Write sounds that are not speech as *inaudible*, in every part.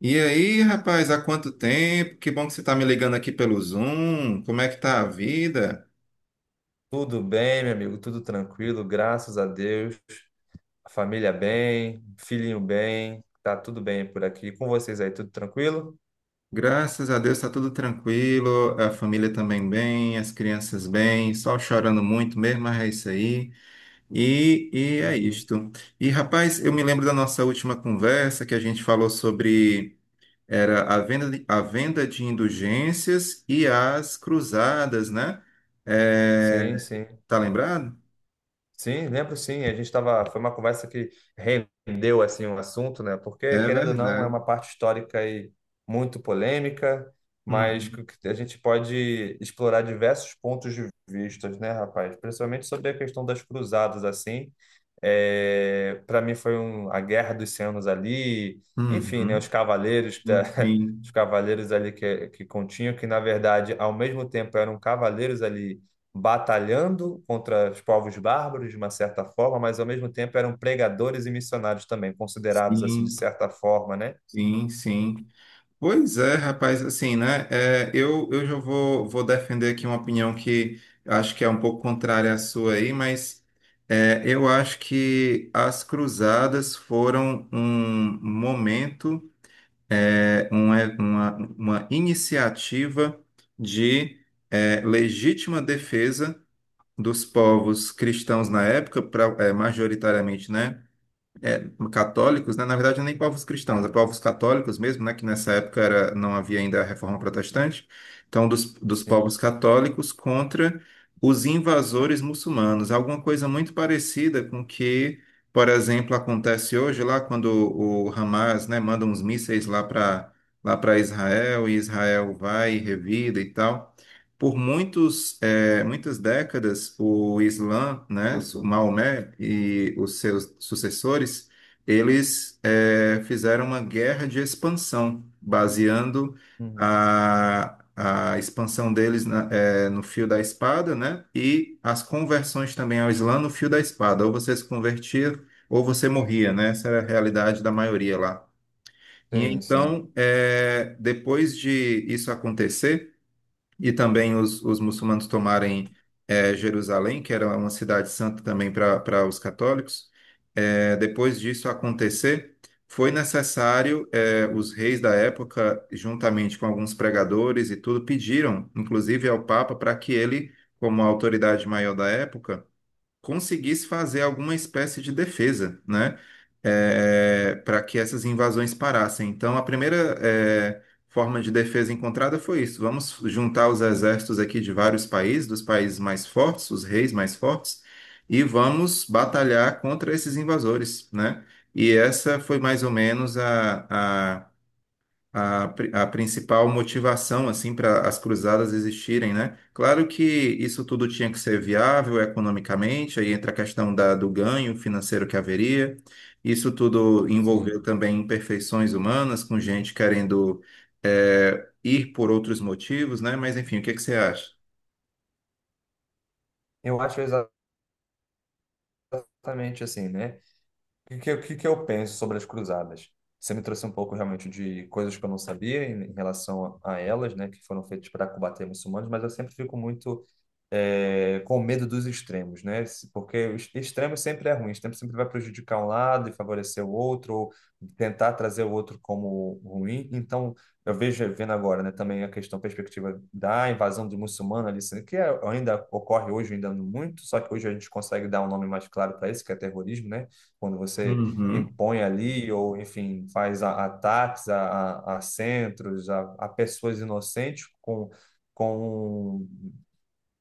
E aí, rapaz, há quanto tempo? Que bom que você está me ligando aqui pelo Zoom. Como é que tá a vida? Tudo bem, meu amigo, tudo tranquilo, graças a Deus. A família bem, filhinho bem, tá tudo bem por aqui. Com vocês aí, tudo tranquilo? Graças a Deus está tudo tranquilo, a família também bem, as crianças bem, só chorando muito mesmo, mas é isso aí. E é Uhum. isto. E, rapaz, eu me lembro da nossa última conversa que a gente falou sobre era a venda de indulgências e as cruzadas, né? É, Sim, sim. tá lembrado? Sim, lembro sim. A gente tava, foi uma conversa que rendeu assim o assunto, né? Porque É querendo ou não, é verdade. uma parte histórica e muito polêmica, mas Uhum. que a gente pode explorar diversos pontos de vistas, né, rapaz? Principalmente sobre a questão das cruzadas assim. É, para mim foi a Guerra dos Cem Anos ali, enfim, né, Uhum. Sim, *laughs* os sim, cavaleiros ali que continham que, na verdade, ao mesmo tempo eram cavaleiros ali batalhando contra os povos bárbaros de uma certa forma, mas ao mesmo tempo eram pregadores e missionários também, considerados assim de sim, certa forma, né? sim. sim. Pois é, rapaz, assim, né? Eu já vou defender aqui uma opinião que acho que é um pouco contrária à sua aí, mas é, eu acho que as cruzadas foram um momento, eh, um, é, uma, uma, uma iniciativa de é, legítima defesa dos povos cristãos na época, pra, é, majoritariamente, né? É, católicos, né? Na verdade, nem povos cristãos, é povos católicos mesmo, né? Que nessa época era, não havia ainda a Reforma Protestante. Então, dos Sim. povos católicos contra os invasores muçulmanos. Alguma coisa muito parecida com que, por exemplo, acontece hoje lá quando o Hamas, né, manda uns mísseis lá para lá para Israel e Israel vai e revida e tal. Por muitos, muitas décadas, o Islã, né, o Maomé e os seus sucessores, eles fizeram uma guerra de expansão, baseando Uhum. a expansão deles no fio da espada, né, e as conversões também ao Islã no fio da espada. Ou você se convertia ou você morria, né? Essa era a realidade da maioria lá. E Sim, sim, então, depois de isso acontecer, e também os muçulmanos tomarem Jerusalém, que era uma cidade santa também para os católicos, depois disso acontecer, foi necessário, os reis da época, juntamente com alguns pregadores e tudo, pediram, inclusive ao Papa, para que ele, como a autoridade maior da época, conseguisse fazer alguma espécie de defesa, né? É, para que essas invasões parassem. Então, a primeira, é, forma de defesa encontrada foi isso: vamos juntar os exércitos aqui de vários países, dos países mais fortes, os reis mais fortes, e vamos batalhar contra esses invasores, né? E essa foi mais ou menos a principal motivação assim para as cruzadas existirem, né? Claro que isso tudo tinha que ser viável economicamente, aí entra a questão do ganho financeiro que haveria. Isso tudo envolveu sim. também imperfeições humanas, com gente querendo ir por outros motivos, né? Mas enfim, o que que você acha? Eu acho exatamente assim, né? Que que eu penso sobre as cruzadas? Você me trouxe um pouco realmente de coisas que eu não sabia em relação a elas, né? Que foram feitas para combater muçulmanos, mas eu sempre fico muito com medo dos extremos, né? Porque o extremo sempre é ruim, o extremo sempre vai prejudicar um lado e favorecer o outro, ou tentar trazer o outro como ruim. Então, vendo agora, né, também perspectiva da invasão de muçulmano ali, sendo que ainda ocorre hoje, ainda muito, só que hoje a gente consegue dar um nome mais claro para isso, que é terrorismo, né? Quando você Uhum. impõe ali, ou enfim, faz ataques a centros, a pessoas inocentes. Com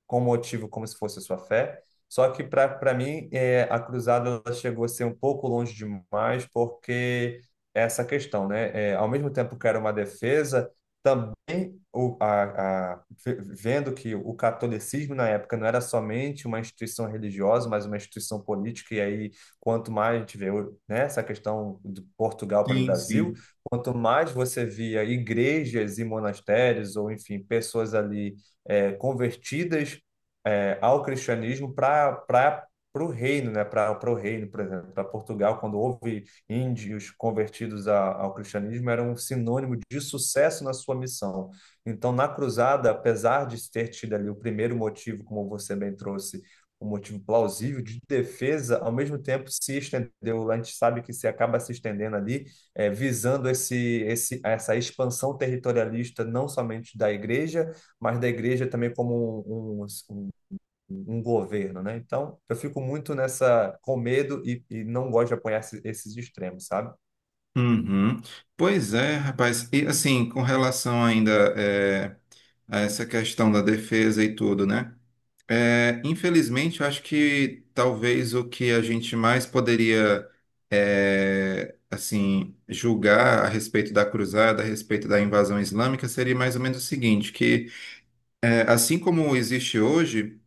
com motivo, como se fosse a sua fé. Só que para mim a cruzada, ela chegou a ser um pouco longe demais, porque essa questão, né? É, ao mesmo tempo que era uma defesa, também vendo que o catolicismo na época não era somente uma instituição religiosa, mas uma instituição política. E aí, quanto mais a gente vê, né, essa questão de Portugal para o Sim, Brasil, sim. quanto mais você via igrejas e monastérios, ou enfim, pessoas ali convertidas ao cristianismo para o reino, né? Para o reino, por exemplo, para Portugal, quando houve índios convertidos ao cristianismo, era um sinônimo de sucesso na sua missão. Então, na cruzada, apesar de ter tido ali o primeiro motivo, como você bem trouxe, um motivo plausível de defesa, ao mesmo tempo se estendeu. A gente sabe que se acaba se estendendo ali, visando essa expansão territorialista, não somente da igreja, mas da igreja também como um, um, um um governo, né? Então, eu fico muito nessa, com medo, e não gosto de apoiar esses extremos, sabe? Uhum. Pois é, rapaz. E assim, com relação ainda eh, a essa questão da defesa e tudo, né? É, infelizmente, eu acho que talvez o que a gente mais poderia, é, assim, julgar a respeito da cruzada, a respeito da invasão islâmica, seria mais ou menos o seguinte, que é, assim como existe hoje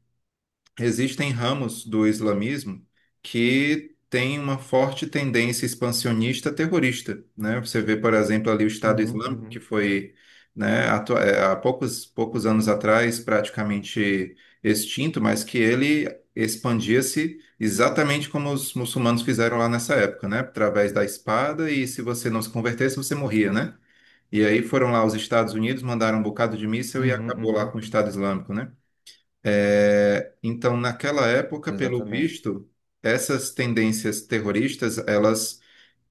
existem ramos do islamismo que têm uma forte tendência expansionista terrorista, né? Você vê, por exemplo, ali o Estado Uhum, Islâmico, que uhum, foi, né, há poucos anos atrás praticamente extinto, mas que ele expandia-se exatamente como os muçulmanos fizeram lá nessa época, né? Através da espada e se você não se convertesse, você morria, né? E aí foram lá os Estados Unidos, mandaram um bocado de míssil e uhum, acabou lá uhum. com o Estado Islâmico, né? É, então, naquela época, pelo Exatamente. visto, essas tendências terroristas, elas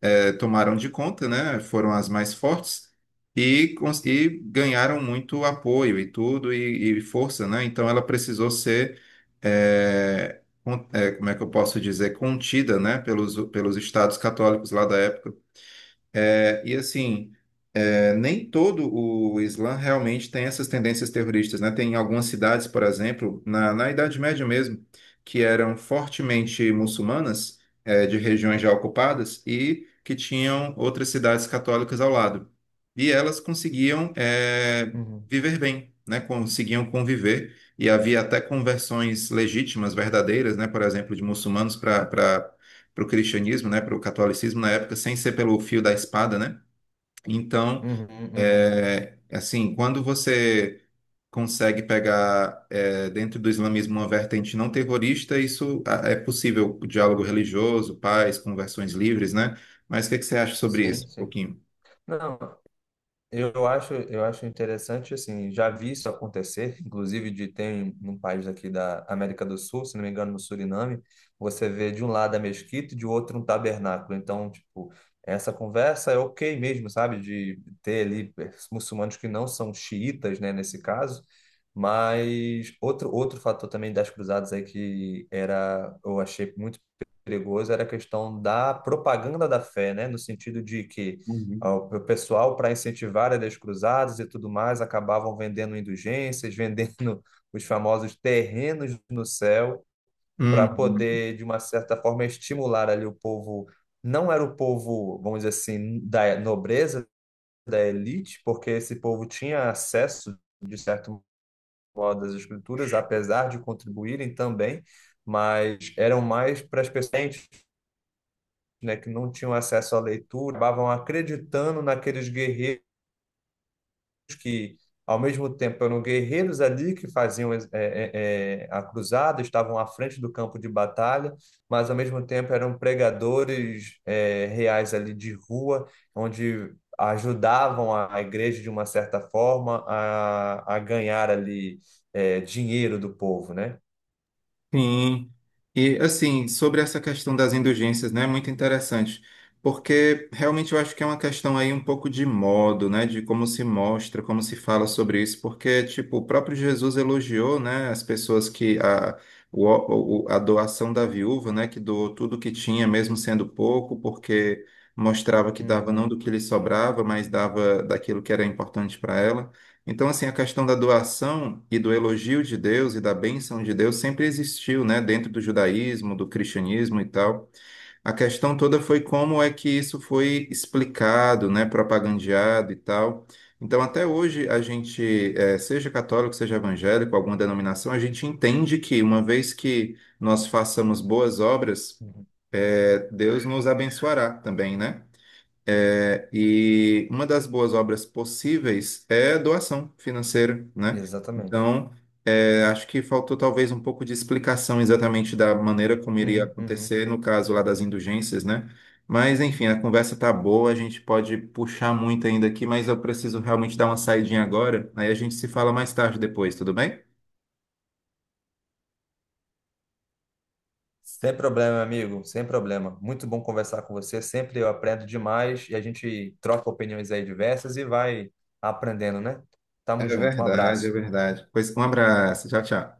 é, tomaram de conta, né? Foram as mais fortes e, e ganharam muito apoio e tudo e força, né? Então, ela precisou ser, é, é, como é que eu posso dizer, contida, né? Pelos estados católicos lá da época. É, e assim é, nem todo o Islã realmente tem essas tendências terroristas, né? Tem algumas cidades, por exemplo, na Idade Média mesmo, que eram fortemente muçulmanas, de regiões já ocupadas, e que tinham outras cidades católicas ao lado. E elas conseguiam, Uhum, viver bem, né? Conseguiam conviver, e havia até conversões legítimas, verdadeiras, né? Por exemplo, de muçulmanos para o cristianismo, né? Para o catolicismo na época, sem ser pelo fio da espada, né? Então, uhum, uhum. é, assim, quando você consegue pegar é, dentro do islamismo uma vertente não terrorista, isso ah, é possível, o diálogo religioso, paz, conversões livres, né? Mas o que é que você acha sobre Sim, isso, um sim. pouquinho? Não. Eu acho interessante, assim, já vi isso acontecer, *laughs* inclusive de tem num país aqui da América do Sul, se não me engano, no Suriname, você vê de um lado a mesquita e de outro um tabernáculo. Então, tipo, essa conversa é ok mesmo, sabe? De ter ali muçulmanos que não são xiitas, né, nesse caso. Mas outro fator também das cruzadas aí que era, eu achei muito perigoso, era a questão da propaganda da fé, né? No sentido de que Uhum. O pessoal, para incentivar as cruzadas e tudo mais, acabavam vendendo indulgências, *laughs* vendendo os famosos terrenos no céu, para Uhum. poder, de uma certa forma, estimular ali o povo. Não era o povo, vamos dizer assim, da nobreza, da elite, porque esse povo tinha acesso, de certo modo, às escrituras, apesar de contribuírem também, mas eram mais para as pessoas, né, que não tinham acesso à leitura, acabavam acreditando naqueles guerreiros que, ao mesmo tempo, eram guerreiros ali que faziam a cruzada, estavam à frente do campo de batalha, mas, ao mesmo tempo, eram pregadores reais ali de rua, onde ajudavam a igreja, de uma certa forma, a ganhar ali dinheiro do povo, né? Sim, e assim, sobre essa questão das indulgências, né, é muito interessante, porque realmente eu acho que é uma questão aí um pouco de modo, né, de como se mostra, como se fala sobre isso, porque, tipo, o próprio Jesus elogiou, né, as pessoas que, a doação da viúva, né, que doou tudo que tinha, mesmo sendo pouco, porque mostrava que dava não Uhum, do que lhe sobrava, mas dava daquilo que era importante para ela. Então, assim, a questão da doação e do elogio de Deus e da bênção de Deus sempre existiu, né, dentro do judaísmo, do cristianismo e tal. A questão toda foi como é que isso foi explicado, né, propagandeado e tal. Então, até hoje, a gente, seja católico, seja evangélico, alguma denominação, a gente entende que uma vez que nós façamos boas obras, uhum. Deus nos abençoará também, né? É, e uma das boas obras possíveis é doação financeira, né? Exatamente. Então, é, acho que faltou talvez um pouco de explicação exatamente da maneira como iria Uhum, uhum. acontecer no caso lá das indulgências, né? Mas, enfim, a conversa tá boa, a gente pode puxar muito ainda aqui, mas eu preciso realmente dar uma saidinha agora, aí a gente se fala mais tarde depois, tudo bem? Sem problema, amigo, sem problema. Muito bom conversar com você. Sempre eu aprendo demais e a gente troca opiniões aí diversas e vai aprendendo, né? É Tamo junto. Um verdade, é abraço. verdade. Pois um abraço, tchau, tchau.